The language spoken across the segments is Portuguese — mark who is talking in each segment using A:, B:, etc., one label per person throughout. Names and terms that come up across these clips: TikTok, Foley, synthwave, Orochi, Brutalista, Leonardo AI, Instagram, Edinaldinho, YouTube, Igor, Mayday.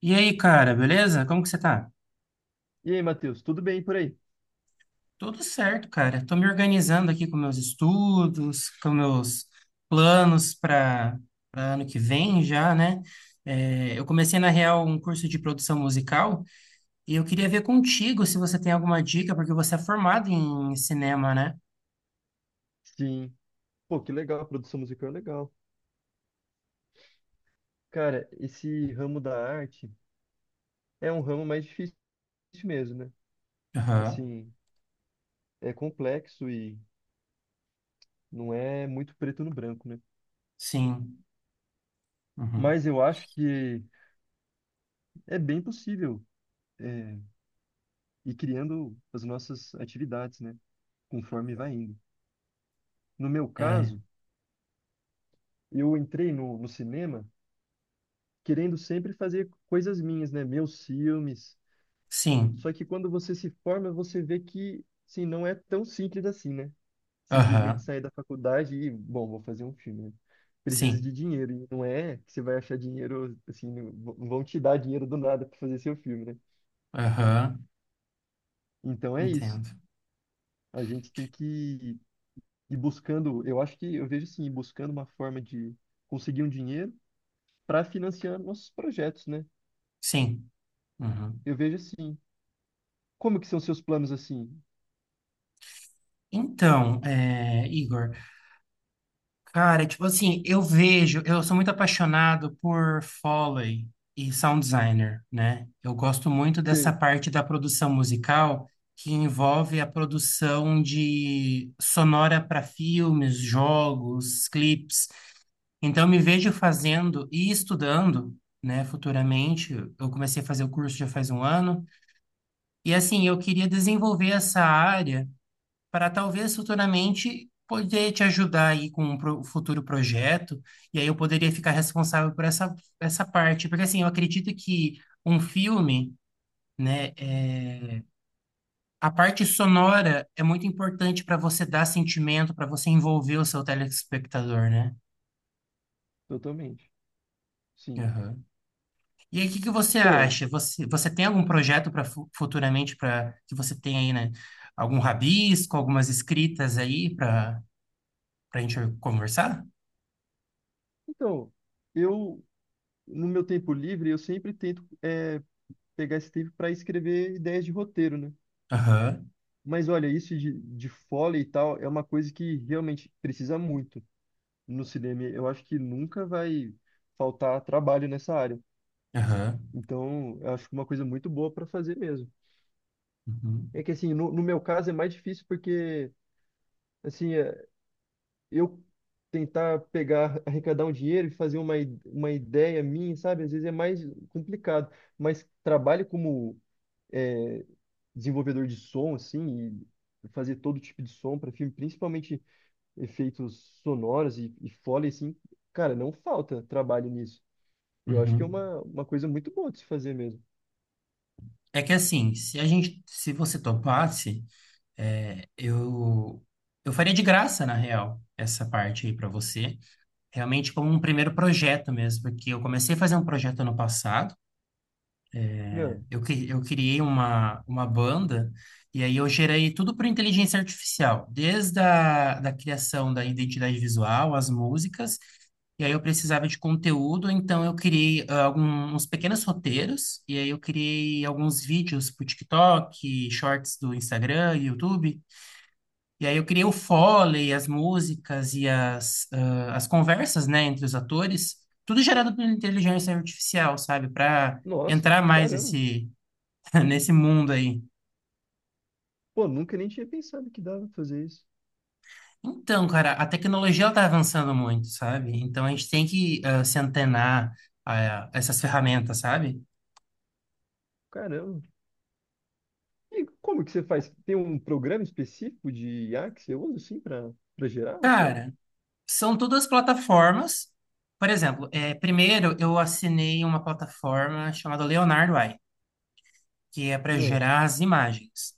A: E aí, cara, beleza? Como que você tá?
B: E aí, Matheus, tudo bem por aí?
A: Tudo certo, cara. Tô me organizando aqui com meus estudos, com meus planos para ano que vem já, né? É, eu comecei, na real, um curso de produção musical e eu queria ver contigo se você tem alguma dica, porque você é formado em cinema, né?
B: Sim. Pô, que legal, a produção musical é legal. Cara, esse ramo da arte é um ramo mais difícil mesmo, né?
A: Aham,
B: Assim, é complexo e não é muito preto no branco, né?
A: sim. Uhum.
B: Mas eu acho que é bem possível é, ir criando as nossas atividades, né? Conforme vai indo. No meu
A: É,
B: caso, eu entrei no cinema querendo sempre fazer coisas minhas, né? Meus filmes.
A: sim.
B: Só que quando você se forma, você vê que, sim, não é tão simples assim, né? Simplesmente
A: Aham,
B: sair da faculdade e, bom, vou fazer um filme, né? Precisa de
A: sim.
B: dinheiro. E não é que você vai achar dinheiro, assim, vão te dar dinheiro do nada para fazer seu filme, né?
A: Aham,
B: Então é isso.
A: entendo.
B: A gente tem que ir buscando, eu acho que, eu vejo assim, ir buscando uma forma de conseguir um dinheiro para financiar nossos projetos, né?
A: Sim. Uhum.
B: Eu vejo assim. Como que são seus planos assim?
A: Então, é, Igor. Cara, tipo assim, eu vejo, eu sou muito apaixonado por Foley e sound designer, né? Eu gosto muito dessa
B: Sei,
A: parte da produção musical que envolve a produção de sonora para filmes, jogos, clipes. Então, eu me vejo fazendo e estudando, né, futuramente. Eu comecei a fazer o curso já faz um ano. E assim, eu queria desenvolver essa área para talvez futuramente poder te ajudar aí com um futuro projeto, e aí eu poderia ficar responsável por essa parte, porque assim, eu acredito que um filme, né, é, a parte sonora é muito importante para você dar sentimento, para você envolver o seu telespectador, né?
B: totalmente. Sim.
A: Aham. E aí, o que que você
B: Pô,
A: acha? Você tem algum projeto para futuramente para que você tenha aí, né? Algum rabisco, algumas escritas aí para a gente conversar?
B: então. Eu no meu tempo livre, eu sempre tento pegar esse tempo para escrever ideias de roteiro, né?
A: Aham,
B: Mas olha, isso de foley e tal é uma coisa que realmente precisa muito no cinema. Eu acho que nunca vai faltar trabalho nessa área.
A: aham.
B: Então, eu acho que é uma coisa muito boa para fazer mesmo.
A: Uhum,
B: É que assim, no meu caso é mais difícil porque, assim, eu tentar pegar, arrecadar um dinheiro e fazer uma ideia minha, sabe? Às vezes é mais complicado. Mas trabalho como é, desenvolvedor de som, assim, e fazer todo tipo de som para filme, principalmente efeitos sonoros e foley, assim, cara, não falta trabalho nisso. Eu acho que é
A: uhum.
B: uma coisa muito boa de se fazer mesmo.
A: É que assim, se a gente, se você topasse, é, eu faria de graça, na real, essa parte aí para você, realmente como um primeiro projeto mesmo, porque eu comecei a fazer um projeto ano passado.
B: Não,
A: Eu criei uma banda e aí eu gerei tudo por inteligência artificial, desde a da criação da identidade visual, as músicas, e aí eu precisava de conteúdo, então eu criei alguns pequenos roteiros, e aí eu criei alguns vídeos para o TikTok, shorts do Instagram, YouTube, e aí eu criei o Foley, as músicas e as conversas, né, entre os atores, tudo gerado por inteligência artificial, sabe, para
B: nossa,
A: entrar mais
B: caramba.
A: esse nesse mundo aí.
B: Pô, nunca nem tinha pensado que dava pra fazer isso.
A: Então, cara, a tecnologia está avançando muito, sabe? Então a gente tem que se antenar a essas ferramentas, sabe?
B: Caramba. E como que você faz? Tem um programa específico de IA que você usa, assim, pra gerar o som?
A: Cara, são todas plataformas. Por exemplo, primeiro eu assinei uma plataforma chamada Leonardo AI, que é para
B: Não,
A: gerar as imagens.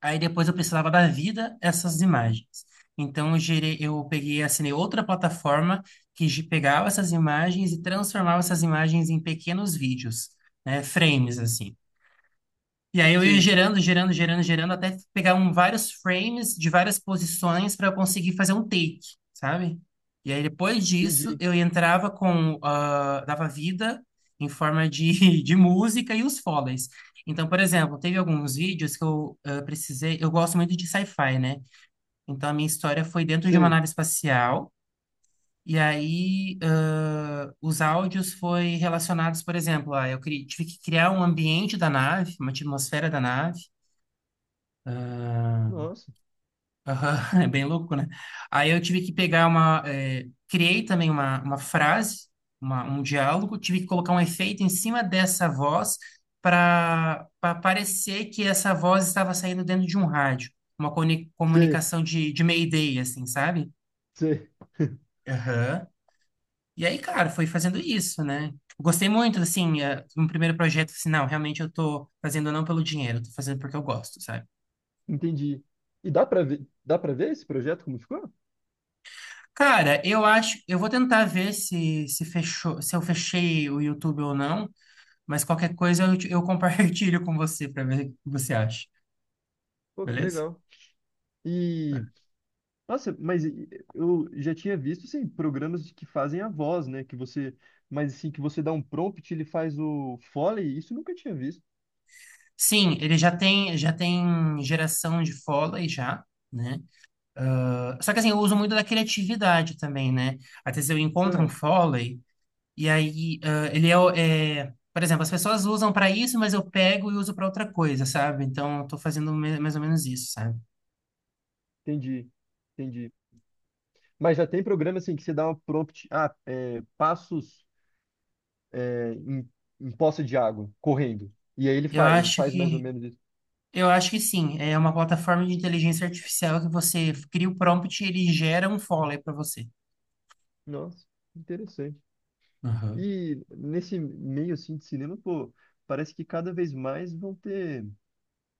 A: Aí depois eu precisava dar vida a essas imagens. Então eu gerei, eu peguei, e assinei outra plataforma que pegava essas imagens e transformava essas imagens em pequenos vídeos, né, frames assim. E aí eu ia
B: sei.
A: gerando, gerando, gerando, gerando, até pegar vários frames de várias posições para eu conseguir fazer um take, sabe? E aí depois disso
B: Entendi.
A: eu entrava dava vida em forma de, de música e os foleys. Então, por exemplo, teve alguns vídeos que eu precisei, eu gosto muito de sci-fi, né? Então a minha história foi dentro de uma
B: Sei.
A: nave espacial. E aí, os áudios foi relacionados, por exemplo, eu tive que criar um ambiente da nave, uma atmosfera da nave, ah,
B: Nossa.
A: aham, é bem louco, né? Aí eu tive que pegar uma. Eh, criei também uma frase, um diálogo, tive que colocar um efeito em cima dessa voz para parecer que essa voz estava saindo dentro de um rádio. Uma
B: Sei.
A: comunicação de Mayday, assim, sabe?
B: Sei.
A: Aham. E aí, cara, foi fazendo isso, né? Tipo, gostei muito, assim, no primeiro projeto, assim, não, realmente eu tô fazendo não pelo dinheiro, eu tô fazendo porque eu gosto, sabe?
B: Entendi. E dá pra ver, dá para ver esse projeto como ficou?
A: Cara, eu acho, eu vou tentar ver se fechou, se eu fechei o YouTube ou não, mas qualquer coisa eu compartilho com você para ver o que você acha,
B: Pô, que
A: beleza?
B: legal. E nossa, mas eu já tinha visto assim, programas que fazem a voz, né, mas assim que você dá um prompt, ele faz o Foley, isso eu nunca tinha visto.
A: Sim, ele já tem geração de Foley já, né? Ah, só que assim, eu uso muito da criatividade também, né? Às vezes eu encontro um
B: Ah,
A: Foley e aí ele é, o- é- por exemplo, as pessoas usam para isso, mas eu pego e uso para outra coisa, sabe? Então eu tô fazendo mais ou menos isso, sabe?
B: entendi. Entendi. Mas já tem programa assim que você dá um prompt, ah, é, passos é, em, em poça de água, correndo. E aí
A: Eu
B: ele
A: acho
B: faz mais ou
A: que
B: menos isso.
A: Eu acho que sim. É uma plataforma de inteligência artificial que você cria o prompt e ele gera um follow para você.
B: Nossa, interessante.
A: Aham.
B: E nesse meio assim de cinema, pô, parece que cada vez mais vão ter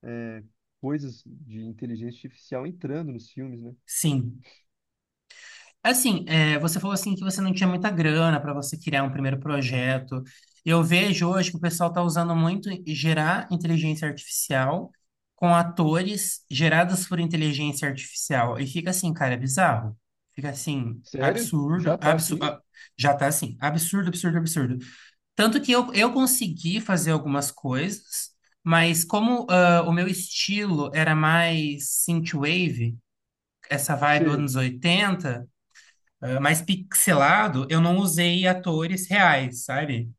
B: é, coisas de inteligência artificial entrando nos filmes, né?
A: Sim. Assim, é, você falou assim que você não tinha muita grana para você criar um primeiro projeto. Eu vejo hoje que o pessoal está usando muito gerar inteligência artificial com atores gerados por inteligência artificial. E fica assim, cara, é bizarro. Fica assim,
B: Sério? Já
A: absurdo,
B: tá assim?
A: absurdo. Já tá assim, absurdo, absurdo, absurdo. Tanto que eu consegui fazer algumas coisas, mas como o meu estilo era mais synthwave, essa vibe
B: Sim,
A: anos 80 mais pixelado, eu não usei atores reais, sabe?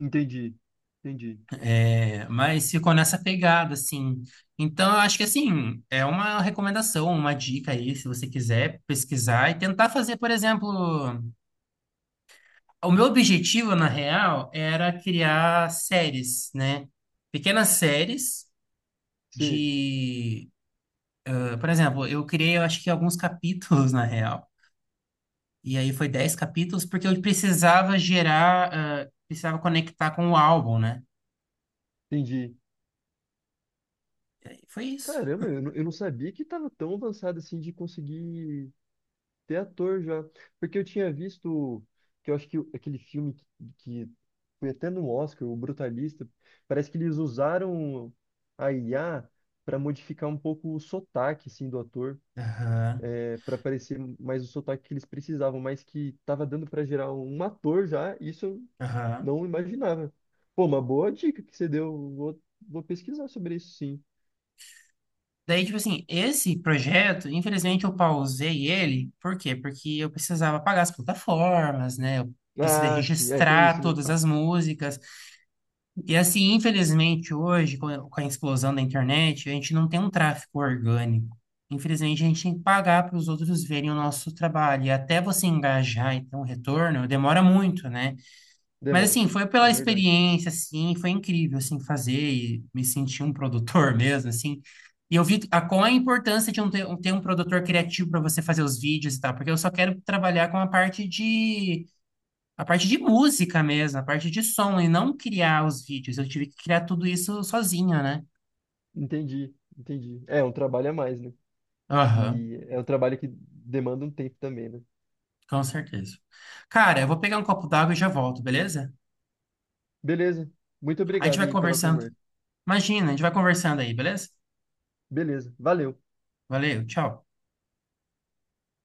B: entendi. Entendi.
A: É, mas ficou nessa pegada, assim. Então, eu acho que, assim, é uma recomendação, uma dica aí, se você quiser pesquisar e tentar fazer, por exemplo... O meu objetivo, na real, era criar séries, né? Pequenas séries
B: Sim,
A: de, por exemplo, eu criei, eu acho que alguns capítulos na real. E aí foi 10 capítulos porque eu precisava gerar, precisava conectar com o álbum, né?
B: entendi.
A: Foi isso.
B: Caramba, eu não sabia que tava tão avançado assim de conseguir. Até ator já. Porque eu tinha visto que eu acho que aquele filme que foi até no Oscar, o Brutalista, parece que eles usaram a IA para modificar um pouco o sotaque assim, do ator,
A: Aham,
B: para parecer mais o sotaque que eles precisavam, mas que tava dando para gerar um ator já, isso eu
A: aham.
B: não imaginava. Pô, uma boa dica que você deu, vou pesquisar sobre isso sim.
A: Daí, tipo assim, esse projeto, infelizmente eu pausei ele, por quê? Porque eu precisava pagar as plataformas, né? Eu precisei
B: Ah, sim, é, tem
A: registrar
B: isso, né?
A: todas as músicas. E assim, infelizmente, hoje, com a explosão da internet, a gente não tem um tráfego orgânico. Infelizmente, a gente tem que pagar para os outros verem o nosso trabalho. E até você engajar e ter um retorno, demora muito, né? Mas
B: Demão,
A: assim, foi
B: é
A: pela
B: verdade.
A: experiência, assim, foi incrível, assim, fazer e me sentir um produtor mesmo, assim. E eu vi qual a importância de um ter um produtor criativo para você fazer os vídeos e tal, porque eu só quero trabalhar com a parte de música mesmo, a parte de som, e não criar os vídeos. Eu tive que criar tudo isso sozinho, né?
B: Entendi. É, um trabalho a mais, né?
A: Aham,
B: E é um trabalho que demanda um tempo também, né?
A: com certeza. Cara, eu vou pegar um copo d'água e já volto, beleza?
B: Beleza. Muito
A: A gente
B: obrigado
A: vai
B: aí pela
A: conversando.
B: conversa.
A: Imagina, a gente vai conversando aí, beleza?
B: Beleza. Valeu.
A: Valeu, tchau.